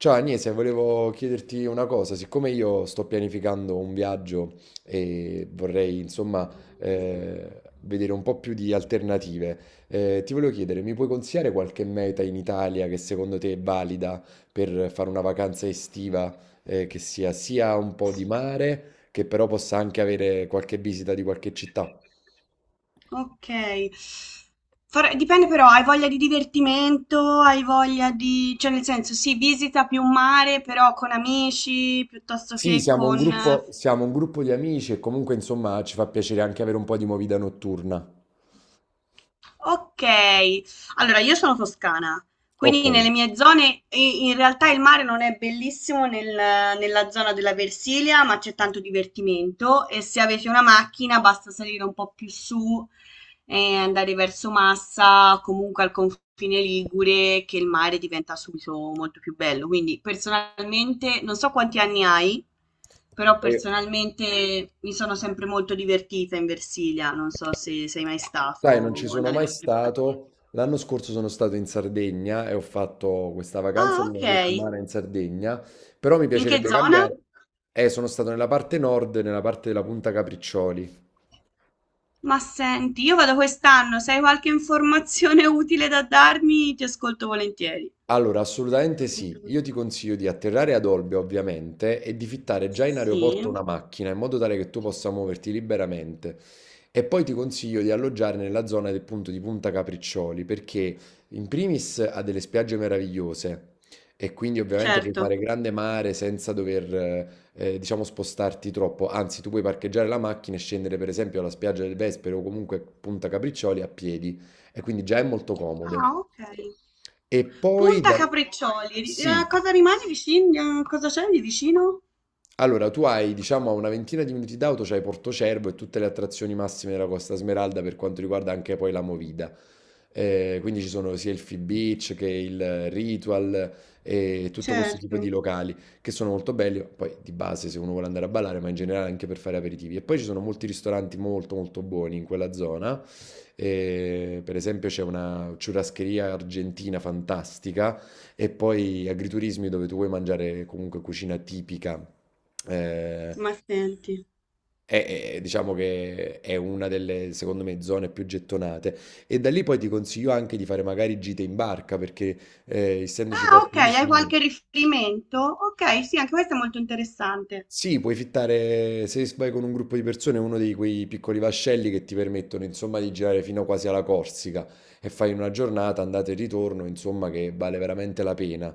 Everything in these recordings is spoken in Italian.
Ciao Agnese, volevo chiederti una cosa, siccome io sto pianificando un viaggio e vorrei insomma vedere un po' più di alternative, ti volevo chiedere, mi puoi consigliare qualche meta in Italia che secondo te è valida per fare una vacanza estiva che sia un po' di mare, che però possa anche avere qualche visita di qualche città? Ok. Dipende però, hai voglia di divertimento, hai voglia di, cioè nel senso, sì, visita più un mare, però con amici, piuttosto Sì, che con. Siamo un gruppo di amici e comunque insomma ci fa piacere anche avere un po' di movida notturna. Ok, allora io sono toscana, Ok. quindi nelle mie zone in realtà il mare non è bellissimo nella zona della Versilia, ma c'è tanto divertimento e se avete una macchina basta salire un po' più su e da verso Massa, comunque al confine Ligure, che il mare diventa subito molto più bello. Quindi personalmente, non so quanti anni hai, però E- personalmente mi sono sempre molto divertita in Versilia, non so se sei mai Sai, non ci stato sono dalle mai nostre parti. stato. L'anno scorso sono stato in Sardegna e ho fatto questa vacanza Ah, di ok. una settimana in Sardegna, però mi In che piacerebbe zona? cambiare. Sono stato nella parte nord, nella parte della Punta Capriccioli. Ma senti, io vado quest'anno, se hai qualche informazione utile da darmi, ti ascolto volentieri. Allora, assolutamente sì. Molto- Io ti consiglio di atterrare ad Olbia, ovviamente, e di fittare già in aeroporto Sì, una macchina in modo tale che tu possa muoverti liberamente. E poi ti consiglio di alloggiare nella zona del punto di Punta Capriccioli, perché in primis ha delle spiagge meravigliose e quindi ovviamente puoi certo. fare grande mare senza dover, diciamo, spostarti troppo. Anzi, tu puoi parcheggiare la macchina e scendere, per esempio, alla spiaggia del Vespero o comunque Punta Capriccioli a piedi e quindi già è molto comodo. Ah, ok. E poi Punta da... Capriccioli. Sì, A cosa rimane vicino? A cosa c'è di vicino? allora, tu hai, diciamo, a una ventina di minuti d'auto, c'hai Portocervo e tutte le attrazioni massime della Costa Smeralda per quanto riguarda anche poi la movida. Quindi ci sono sia il Free Beach che il Ritual e tutto questo Certo, tipo di locali che sono molto belli, poi di base se uno vuole andare a ballare, ma in generale anche per fare aperitivi. E poi ci sono molti ristoranti molto molto buoni in quella zona. Per esempio c'è una churrascheria argentina fantastica e poi agriturismi dove tu vuoi mangiare comunque cucina tipica. Eh, ma senti. Diciamo che è una delle, secondo me, zone più gettonate. E da lì poi ti consiglio anche di fare magari gite in barca perché, essendoci Ah, ok, porti hai qualche vicini. riferimento? Ok, sì, anche questo è molto interessante. Sì, puoi fittare, se vai con un gruppo di persone, uno di quei piccoli vascelli che ti permettono, insomma, di girare fino quasi alla Corsica e fai una giornata, andata e ritorno, insomma, che vale veramente la pena.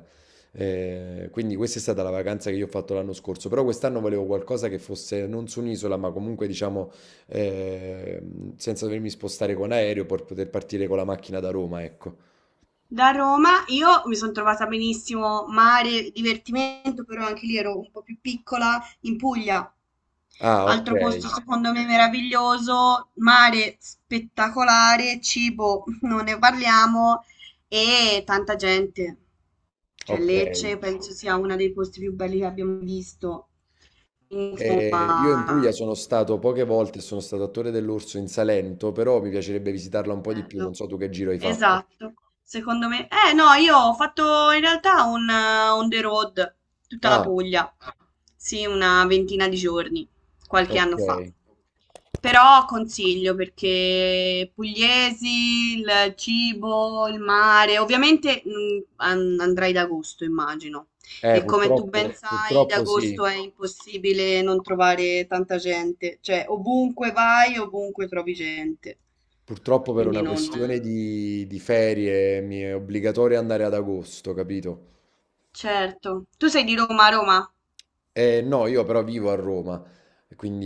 Quindi questa è stata la vacanza che io ho fatto l'anno scorso, però quest'anno volevo qualcosa che fosse non su un'isola, ma comunque, diciamo, eh, senza dovermi spostare con aereo per poter partire con la macchina da Roma, ecco. Da Roma io mi sono trovata benissimo, mare, divertimento, però anche lì ero un po' più piccola, in Puglia. Ah, ok, Altro posto secondo me meraviglioso, mare spettacolare, cibo, non ne parliamo e tanta gente. Cioè ok. Lecce penso sia uno dei posti più belli che abbiamo visto. Io in Insomma, Puglia sono stato poche volte, sono stato a consiglio. Torre dell'Orso in Salento, però mi piacerebbe visitarla un po' di più. Non Bello. so tu che giro hai fatto. Esatto. Secondo me. Eh no, io ho fatto in realtà un on the road, tutta la Ah, Puglia. Sì, una ventina di giorni, qualche ok. anno fa. Però consiglio perché pugliesi, il cibo, il mare, ovviamente andrai ad agosto, immagino. E come tu ben purtroppo, sai, ad purtroppo sì. agosto è impossibile non trovare tanta gente, cioè ovunque vai, ovunque trovi gente. Purtroppo per Quindi una non. questione di ferie mi è obbligatorio andare ad agosto, capito? Certo. Tu sei di Roma, Roma? No, io però vivo a Roma,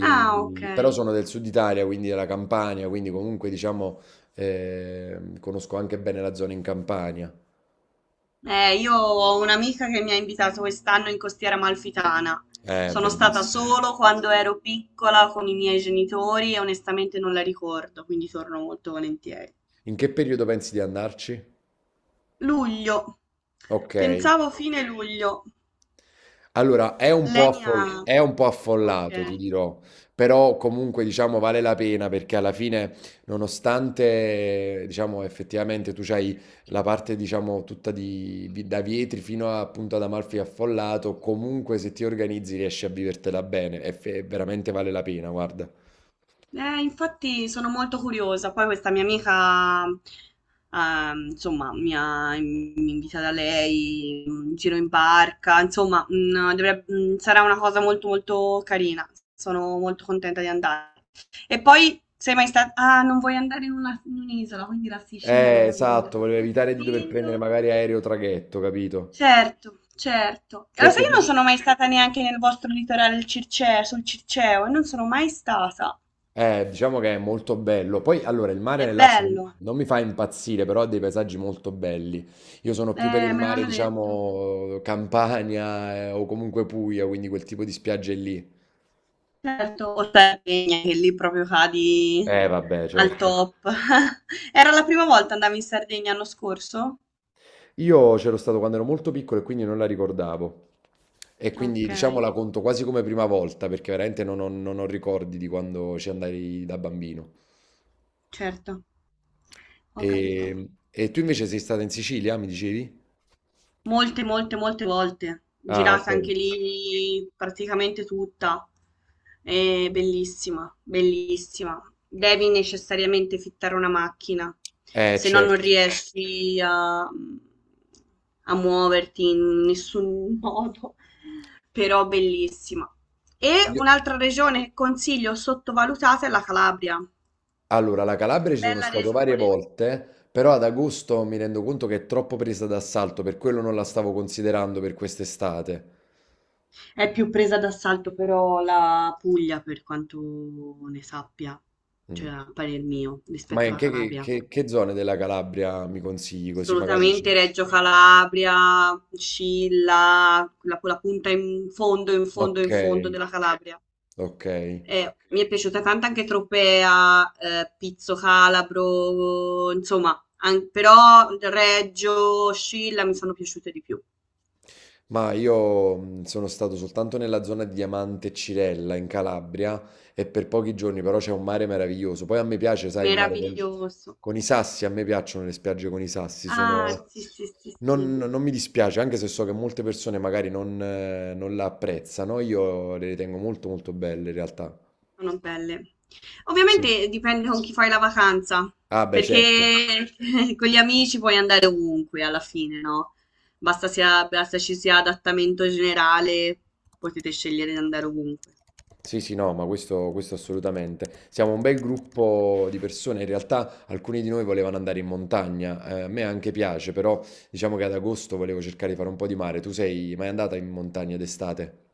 Ah, però ok. sono del sud Italia, quindi della Campania, quindi comunque diciamo conosco anche bene la zona in Campania. Io ho un'amica che mi ha invitato quest'anno in Costiera Amalfitana. Sono stata Bellissimo. solo quando ero piccola con i miei genitori e onestamente non la ricordo, quindi torno molto volentieri. In che periodo pensi di andarci? Luglio. Ok, Pensavo fine luglio. allora è un po' Lei mi ha. è un po' Ok. affollato, ti dirò, però comunque diciamo vale la pena perché alla fine, nonostante diciamo effettivamente tu c'hai la parte diciamo tutta di, da Vietri fino a, appunto ad Amalfi affollato, comunque se ti organizzi riesci a vivertela bene e veramente vale la pena, guarda. Infatti sono molto curiosa. Poi questa mia amica, insomma, mi è invitata lei, un giro in barca, insomma, sarà una cosa molto molto carina. Sono molto contenta di andare. E poi sei mai stata. Ah, non vuoi andare in un'isola, quindi la Sicilia non te Esatto, la volevo evitare di dover prendere consiglio. magari aereo o traghetto, capito? Certo, certo. E lo sai, Perché io non tu, sono mai stata neanche nel vostro litorale il Circeo, sul Circeo, e non sono mai stata. Diciamo che è molto bello. Poi, allora, il mare È nel Lazio non, bello. non mi fa impazzire, però ha dei paesaggi molto belli. Io sono più per il Me mare, l'hanno detto. diciamo, Campania, o comunque Puglia, quindi quel tipo di spiagge lì. Certo, o Sardegna, che lì proprio cadi Vabbè, al certo. top. Era la prima volta andavi in Sardegna l'anno scorso? Io c'ero stato quando ero molto piccolo e quindi non la ricordavo. E quindi, Ok, diciamo, la conto quasi come prima volta, perché veramente non ho ricordi di quando ci andai da bambino. certo, ho capito. E tu invece sei stata in Sicilia, mi dicevi? Molte, molte, molte volte. Ah, ok. Girata anche lì praticamente tutta. È bellissima, bellissima. Devi necessariamente fittare una macchina, se no non Certo. riesci a, muoverti in nessun modo. Però bellissima. E Io- un'altra regione che consiglio sottovalutata è la Calabria. Allora, la Calabria ci sono Bella stato varie regione. volte, però ad agosto mi rendo conto che è troppo presa d'assalto, per quello non la stavo considerando per quest'estate. È più presa d'assalto però la Puglia per quanto ne sappia, cioè Mm. a parer mio, Ma rispetto in alla che, che, Calabria. che che zone della Calabria mi consigli così magari ci... Assolutamente Reggio Calabria, Scilla, quella, quella punta in fondo, in fondo, Ok, in fondo della Calabria. ok. Mi è piaciuta tanto anche Tropea, Pizzo Calabro, insomma, an- però Reggio, Scilla mi sono piaciute di più. Ma io sono stato soltanto nella zona di Diamante e Cirella in Calabria e per pochi giorni, però c'è un mare meraviglioso. Poi a me piace, sai, il mare Meraviglioso. con i sassi, a me piacciono le spiagge con i sassi, Ah, sono... sì, sì, sì, non, sì. non mi dispiace, anche se so che molte persone magari non, non la apprezzano, io le ritengo molto molto belle in realtà. Sono belle. Sì. Ovviamente dipende con chi fai la vacanza, Ah, beh, certo. perché con gli amici puoi andare ovunque alla fine, no? Basta, sia, basta ci sia adattamento generale, potete scegliere di andare ovunque. Sì, sì, no, ma questo assolutamente. Siamo un bel gruppo di persone, in realtà alcuni di noi volevano andare in montagna, a me anche piace, però diciamo che ad agosto volevo cercare di fare un po' di mare. Tu sei mai andata in montagna d'estate?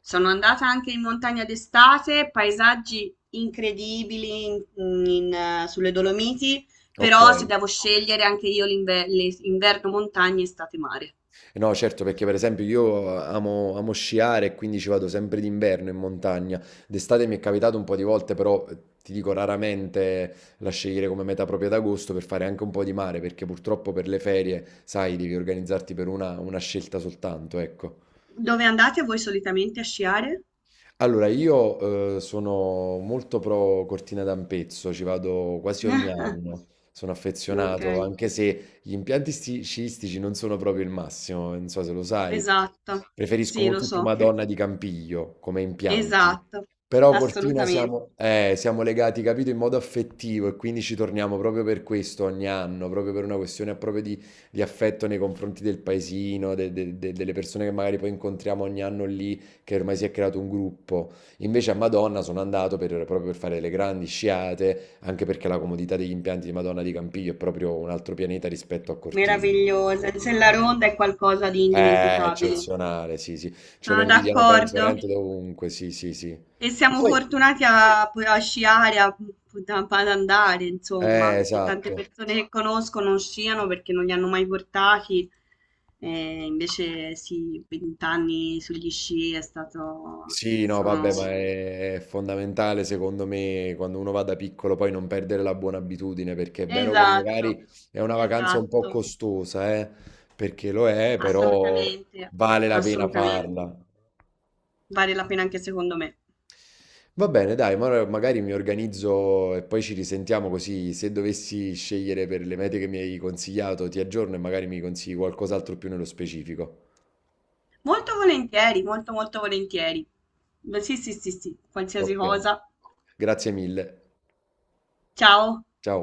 Sono andata anche in montagna d'estate, paesaggi incredibili sulle Dolomiti, Ok. però se devo scegliere anche io inverno montagna, estate mare. No, certo, perché per esempio io amo sciare e quindi ci vado sempre d'inverno in montagna. D'estate mi è capitato un po' di volte, però ti dico raramente la scegliere come meta propria d'agosto per fare anche un po' di mare, perché purtroppo per le ferie, sai, devi organizzarti per una scelta soltanto, ecco. Dove andate voi solitamente a sciare? Allora, io sono molto pro Cortina d'Ampezzo, ci vado quasi ogni anno, sono Ok. affezionato, anche se gli impianti sciistici non sono proprio il massimo, non so se lo sai, Esatto, preferisco sì, lo molto più so, Madonna di Campiglio come impianti, esatto, però Cortina assolutamente, siamo, siamo legati, capito, in modo affettivo e quindi ci torniamo proprio per questo ogni anno, proprio per una questione proprio di affetto nei confronti del paesino, delle persone che magari poi incontriamo ogni anno lì che ormai si è creato un gruppo. Invece a Madonna sono andato proprio per fare le grandi sciate, anche perché la comodità degli impianti di Madonna di Campiglio è proprio un altro pianeta rispetto a Cortina. meravigliosa. Se la ronda è qualcosa di È indimenticabile. eccezionale, sì, sì. Ce lo Sono invidiano, penso, d'accordo. veramente dovunque, sì, sì, sì. E siamo Poi, fortunati a, sciare, a, ad andare, insomma, perché tante esatto. persone che conosco non sciano perché non li hanno mai portati. E invece sì, vent'anni sugli sci è stato. Sì, no, Sono. vabbè, ma è fondamentale secondo me quando uno va da piccolo poi non perdere la buona abitudine, perché è vero che Esatto, magari è una vacanza un po' esatto. costosa, perché lo è, però Assolutamente, vale la pena assolutamente. farla. Vale la pena anche secondo me. Va bene, dai, ma ora magari mi organizzo e poi ci risentiamo così se dovessi scegliere per le mete che mi hai consigliato, ti aggiorno e magari mi consigli qualcos'altro più nello specifico. Molto volentieri, molto molto volentieri. Beh, sì, sì, sì, sì, qualsiasi Ok, cosa. grazie mille. Ciao. Ciao.